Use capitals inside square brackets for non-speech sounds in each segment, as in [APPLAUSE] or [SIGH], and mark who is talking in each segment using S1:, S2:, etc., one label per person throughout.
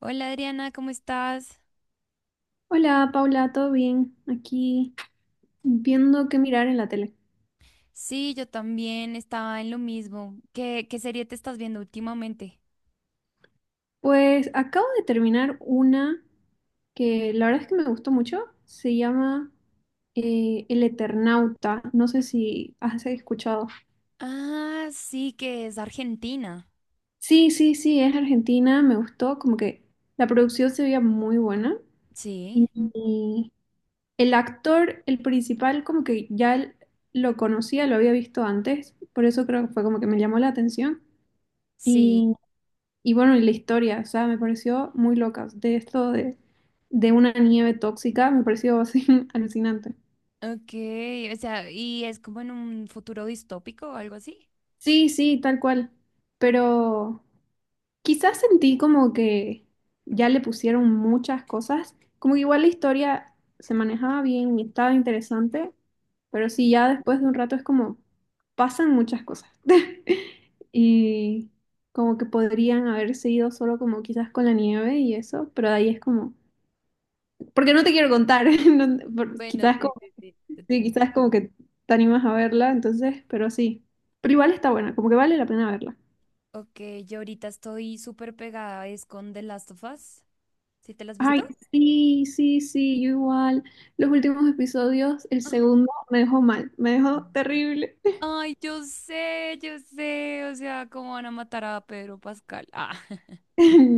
S1: Hola Adriana, ¿cómo estás?
S2: Hola Paula, ¿todo bien? Aquí viendo qué mirar en la tele.
S1: Sí, yo también estaba en lo mismo. ¿Qué serie te estás viendo últimamente?
S2: Pues acabo de terminar una que la verdad es que me gustó mucho. Se llama El Eternauta. No sé si has escuchado.
S1: Ah, sí, que es Argentina.
S2: Sí, sí, sí, es argentina. Me gustó. Como que la producción se veía muy buena.
S1: Sí,
S2: Y el actor, el principal, como que ya lo conocía, lo había visto antes. Por eso creo que fue como que me llamó la atención.
S1: sí.
S2: Y bueno, y la historia, o sea, me pareció muy loca. De esto de una nieve tóxica, me pareció así [LAUGHS] alucinante.
S1: Ok, o sea, ¿Y es como en un futuro distópico o algo así?
S2: Sí, sí, tal cual. Pero quizás sentí como que ya le pusieron muchas cosas. Como que igual la historia se manejaba bien y estaba interesante. Pero sí,
S1: Sí.
S2: ya después de un rato es como pasan muchas cosas. [LAUGHS] Y como que podrían haberse ido solo como quizás con la nieve y eso. Pero de ahí es como porque no te quiero contar. [LAUGHS]
S1: Bueno,
S2: Quizás
S1: sí,
S2: como,
S1: sí, sí, te
S2: sí,
S1: entendí.
S2: quizás como que te animas a verla, entonces, pero sí. Pero igual está buena, como que vale la pena verla.
S1: Ok, yo ahorita estoy súper pegada, es con The Last of Us. ¿Sí te la has visto?
S2: Ay, sí, sí, sí, yo igual. Los últimos episodios, el
S1: Ay.
S2: segundo me dejó mal, me dejó
S1: Mm.
S2: terrible. [LAUGHS]
S1: Ay, yo sé, o sea, cómo van a matar a Pedro Pascal. Ah.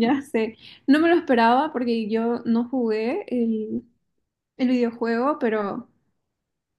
S2: Ya sé. No me lo esperaba porque yo no jugué el videojuego, pero,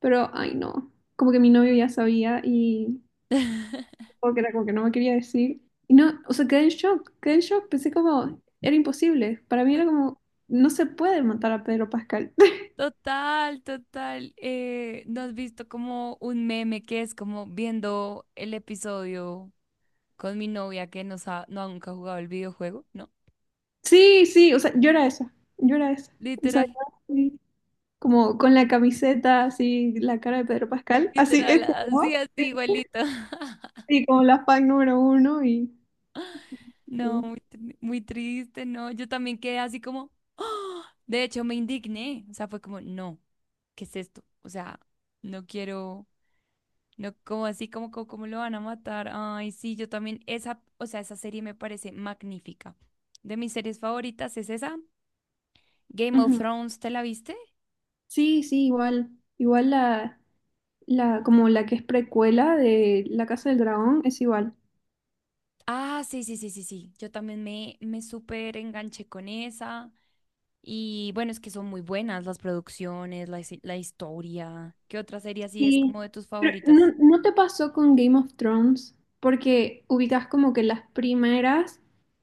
S2: ay no. Como que mi novio ya sabía y
S1: [LAUGHS]
S2: como que era como que no me quería decir. Y no, o sea, quedé en shock, quedé en shock. Pensé como, era imposible. Para mí era como, no se puede matar a Pedro Pascal. [LAUGHS]
S1: Total, total. ¿No has visto como un meme que es como viendo el episodio con mi novia que no ha nunca jugado el videojuego, ¿no?
S2: Sí, sí, o sea, yo era esa. O sea,
S1: Literal,
S2: yo así, como con la camiseta, así, la cara de Pedro Pascal, así, [LAUGHS]
S1: literal,
S2: eso,
S1: así,
S2: ¿no? Sí,
S1: así, igualito. [LAUGHS]
S2: sí, como la fan número uno y...
S1: No,
S2: Sí,
S1: muy, muy triste, no. Yo también quedé así como ¡ah! De hecho, me indigné. O sea, fue como, no, ¿qué es esto? O sea, no quiero. No, como así, como, como, como lo van a matar. Ay, sí, yo también, esa, o sea, esa serie me parece magnífica. De mis series favoritas es esa. Game of
S2: ujú.
S1: Thrones, ¿te la viste?
S2: Sí, sí, igual, igual como la que es precuela de La Casa del Dragón es igual.
S1: Ah, sí, sí, sí, sí, sí. Yo también me súper enganché con esa. Y bueno, es que son muy buenas las producciones, la, la historia. ¿Qué otra serie así es
S2: Sí,
S1: como de tus
S2: pero ¿no,
S1: favoritas?
S2: no te pasó con Game of Thrones? Porque ubicas como que las primeras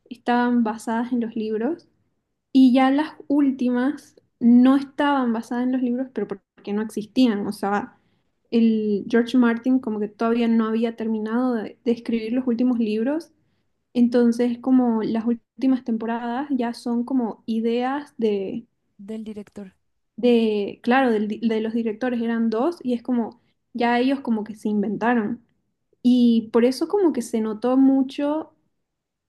S2: estaban basadas en los libros y ya las últimas no estaban basadas en los libros, pero porque no existían. O sea, el George Martin como que todavía no había terminado de escribir los últimos libros. Entonces, como las últimas temporadas ya son como ideas
S1: Del director.
S2: de, claro, de los directores eran dos y es como, ya ellos como que se inventaron. Y por eso como que se notó mucho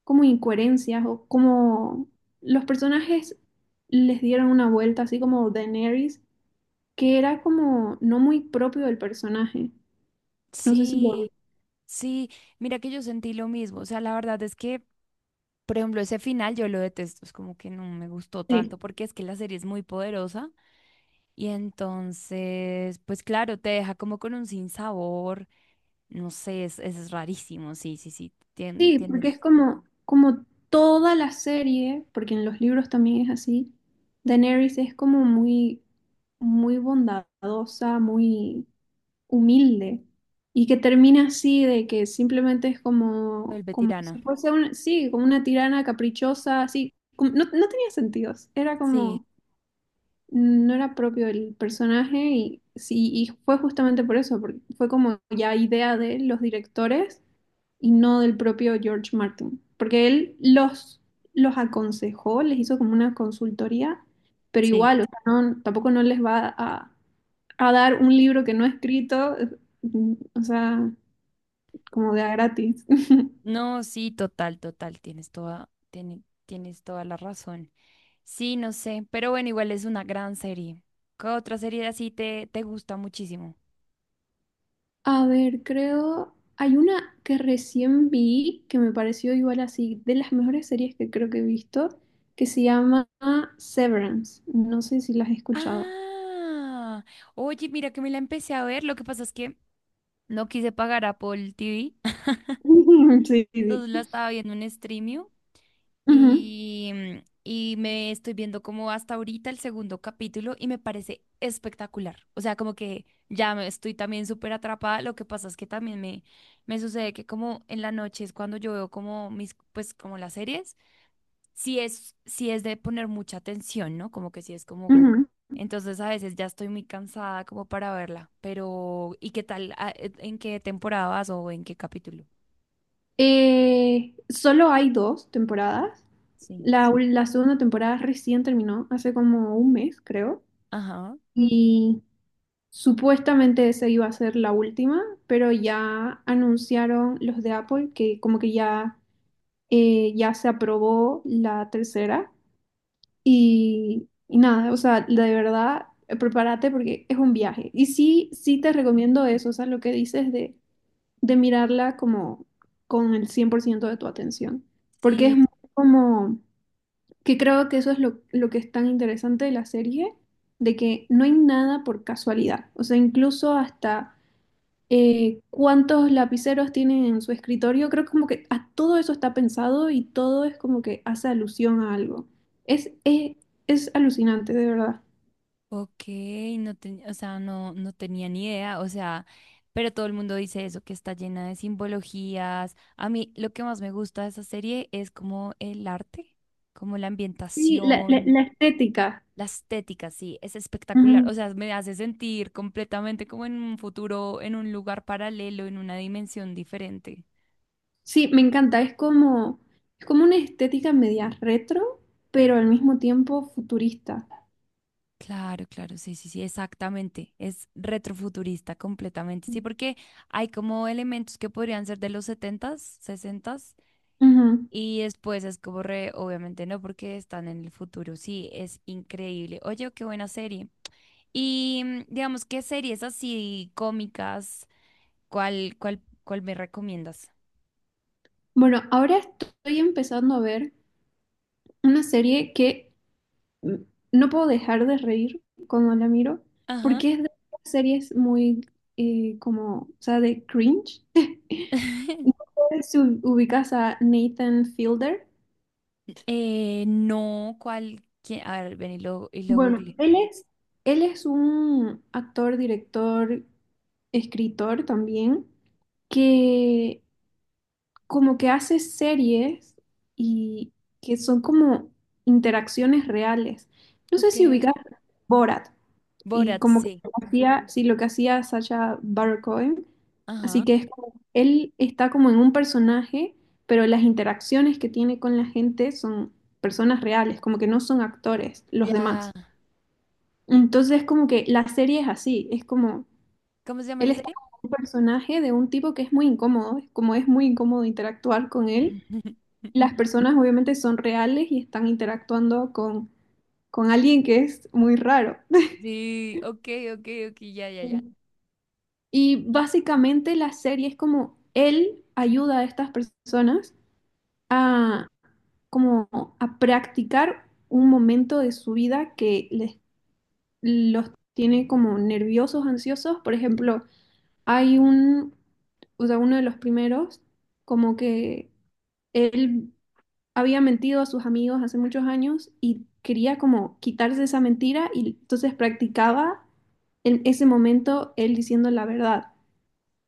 S2: como incoherencias o como los personajes les dieron una vuelta así como Daenerys, que era como no muy propio del personaje. No sé si lo
S1: Sí, sí. Mira que yo sentí lo mismo. O sea, la verdad es que, por ejemplo, ese final yo lo detesto, es como que no me gustó
S2: sí.
S1: tanto porque es que la serie es muy poderosa, y entonces, pues claro, te deja como con un sinsabor, no sé, es rarísimo, sí, sí, sí, tiene,
S2: Sí, porque
S1: tienes,
S2: es como, como toda la serie, porque en los libros también es así, Daenerys es como muy, muy bondadosa, muy humilde y que termina así de que simplemente es como,
S1: vuelve
S2: como
S1: tirana.
S2: si fuese un, sí, como una tirana caprichosa, así, como- no, no tenía sentidos, era
S1: Sí,
S2: como, no era propio el personaje y, sí, y fue justamente por eso, porque fue como ya idea de los directores y no del propio George Martin, porque él los aconsejó, les hizo como una consultoría, pero
S1: sí,
S2: igual, o sea, no- tampoco no les va a dar un libro que no he escrito, mm, o sea, como de a gratis. [LAUGHS]
S1: no, sí, total, total, tienes toda, tienes toda la razón. Sí, no sé, pero bueno, igual es una gran serie. ¿Qué otra serie así te gusta muchísimo?
S2: A ver, creo, hay una que recién vi que me pareció igual así, de las mejores series que creo que he visto, que se llama Severance. No sé si las has escuchado.
S1: Ah, oye, mira que me la empecé a ver. Lo que pasa es que no quise pagar Apple TV [LAUGHS]
S2: [LAUGHS] Sí, sí.
S1: entonces la estaba viendo en Streamio
S2: Ujú,
S1: y, y me estoy viendo como hasta ahorita el segundo capítulo y me parece espectacular. O sea, como que ya me estoy también súper atrapada. Lo que pasa es que también me sucede que como en la noche es cuando yo veo como mis, pues como las series, si es de poner mucha atención, ¿no? Como que si es como...
S2: ujú.
S1: Entonces a veces ya estoy muy cansada como para verla, pero ¿y qué tal? Ah, ¿en qué temporada vas o en qué capítulo?
S2: Solo hay dos temporadas.
S1: Sí.
S2: La, la segunda temporada recién terminó, hace como un mes, creo.
S1: Ajá.
S2: Y supuestamente esa iba a ser la última, pero ya anunciaron los de Apple que como que ya, ya se aprobó la tercera y nada, o sea, de verdad, prepárate porque es un viaje. Y sí, sí te recomiendo
S1: Mm.
S2: eso, o sea, lo que dices de mirarla como con el 100% de tu atención, porque es
S1: Sí,
S2: muy como que creo que eso es lo que es tan interesante de la serie, de que no hay nada por casualidad, o sea, incluso hasta cuántos lapiceros tienen en su escritorio. Creo que como que a todo eso está pensado y todo es como que hace alusión a algo. Es, es, es alucinante, de verdad.
S1: ok, o sea, no, no tenía ni idea, o sea, pero todo el mundo dice eso, que está llena de simbologías. A mí lo que más me gusta de esa serie es como el arte, como la
S2: Sí,
S1: ambientación,
S2: la estética.
S1: la estética, sí, es espectacular.
S2: Ujú.
S1: O sea, me hace sentir completamente como en un futuro, en un lugar paralelo, en una dimensión diferente.
S2: Sí, me encanta. Es como una estética media retro, pero al mismo tiempo futurista.
S1: Claro, claro, sí, sí, sí, exactamente. Es retrofuturista completamente. Sí, porque hay como elementos que podrían ser de los setentas, sesentas,
S2: Ujú.
S1: y después es como re, obviamente no, porque están en el futuro. Sí, es increíble. Oye, qué buena serie. Y digamos, ¿qué series así cómicas? ¿Cuál, cuál, cuál me recomiendas?
S2: Bueno, ahora estoy empezando a ver una serie que m- no puedo dejar de reír cuando la miro,
S1: Ajá.
S2: porque es de las series muy o sea, de cringe. [LAUGHS] No
S1: [LAUGHS]
S2: sé si u- Ubicas a Nathan Fielder.
S1: No, ¿cuál? ¿Quién? A ver, ven y lo
S2: Bueno,
S1: googleé.
S2: él es un actor, director, escritor también, que como que hace series y que son como interacciones reales. No sé
S1: Ok.
S2: si ubicas Borat. Y
S1: Borat,
S2: como que
S1: sí.
S2: lo que hacía, sí, lo que hacía Sacha Baron Cohen. Así
S1: Ajá.
S2: que es como, él está como en un personaje, pero las interacciones que tiene con la gente son personas reales, como que no son actores, los
S1: Ya.
S2: demás. Entonces, como que la serie es así, es como,
S1: ¿Cómo se llama
S2: él
S1: la
S2: está
S1: serie?
S2: como un personaje de un tipo que es muy incómodo, es como es muy incómodo interactuar con él.
S1: [LAUGHS]
S2: Las personas obviamente son reales y están interactuando con alguien que es muy raro.
S1: Sí, ok, ok, ok, ya, ya, ya.
S2: [LAUGHS] Y básicamente la serie es como él ayuda a estas personas a como a practicar un momento de su vida que les, los tiene como nerviosos, ansiosos. Por ejemplo, hay un, o sea, uno de los primeros, como que él había mentido a sus amigos hace muchos años y quería como quitarse esa mentira y entonces practicaba en ese momento él diciendo la verdad.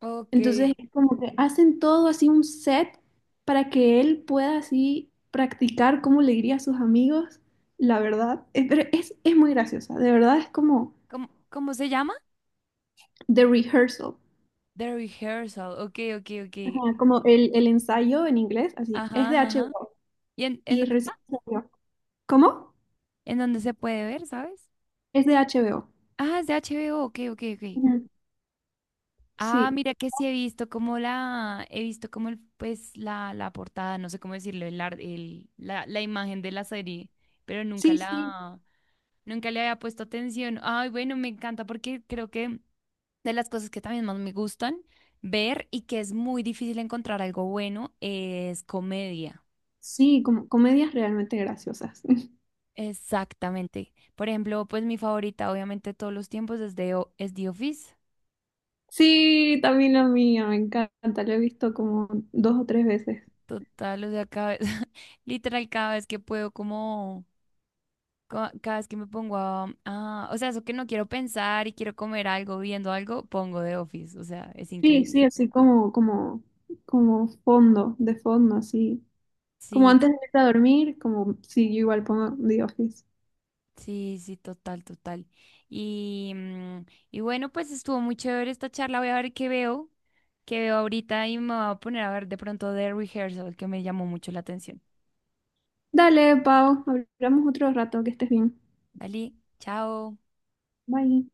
S1: Ok.
S2: Entonces es como que hacen todo así un set para que él pueda así practicar cómo le diría a sus amigos la verdad. Pero es muy graciosa, de verdad es como
S1: ¿Cómo, cómo se llama?
S2: The Rehearsal,
S1: The Rehearsal. Ok, ok, ok.
S2: ajá, como el ensayo en inglés, así, es
S1: Ajá,
S2: de
S1: ajá, ajá.
S2: HBO
S1: ¿Y en
S2: y
S1: dónde
S2: recién
S1: está?
S2: salió. ¿Cómo?
S1: ¿En dónde se puede ver, sabes?
S2: Es de HBO.
S1: Ah, es de HBO. Ok, ok, ok.
S2: Ujú.
S1: Ah,
S2: Sí,
S1: mira que sí he visto como la, he visto como el, pues la portada, no sé cómo decirlo, el, el, la imagen de la serie, pero nunca
S2: sí, sí,
S1: la, nunca le había puesto atención. Ay, bueno, me encanta porque creo que de las cosas que también más me gustan ver y que es muy difícil encontrar algo bueno es comedia.
S2: sí, como comedias realmente graciosas. [LAUGHS]
S1: Exactamente. Por ejemplo, pues mi favorita, obviamente, de todos los tiempos es, de, es The Office.
S2: Sí, también la mía, me encanta, la he visto como dos o tres veces.
S1: Total, o sea, cada vez, [LAUGHS] literal, cada vez que puedo, como, cada vez que me pongo a, o sea, eso que no quiero pensar y quiero comer algo, viendo algo, pongo The Office. O sea, es
S2: Sí, sí,
S1: increíble.
S2: así como fondo, de fondo, así. Como
S1: Sí,
S2: antes de irte a dormir, como si yo igual pongo The Office.
S1: sí, sí, total, total. Y, y bueno, pues estuvo muy chévere esta charla. Voy a ver qué veo ahorita y me voy a poner a ver de pronto The Rehearsal, que me llamó mucho la atención.
S2: Dale, Pau, hablamos otro rato, que estés bien.
S1: Dale, chao.
S2: Bye.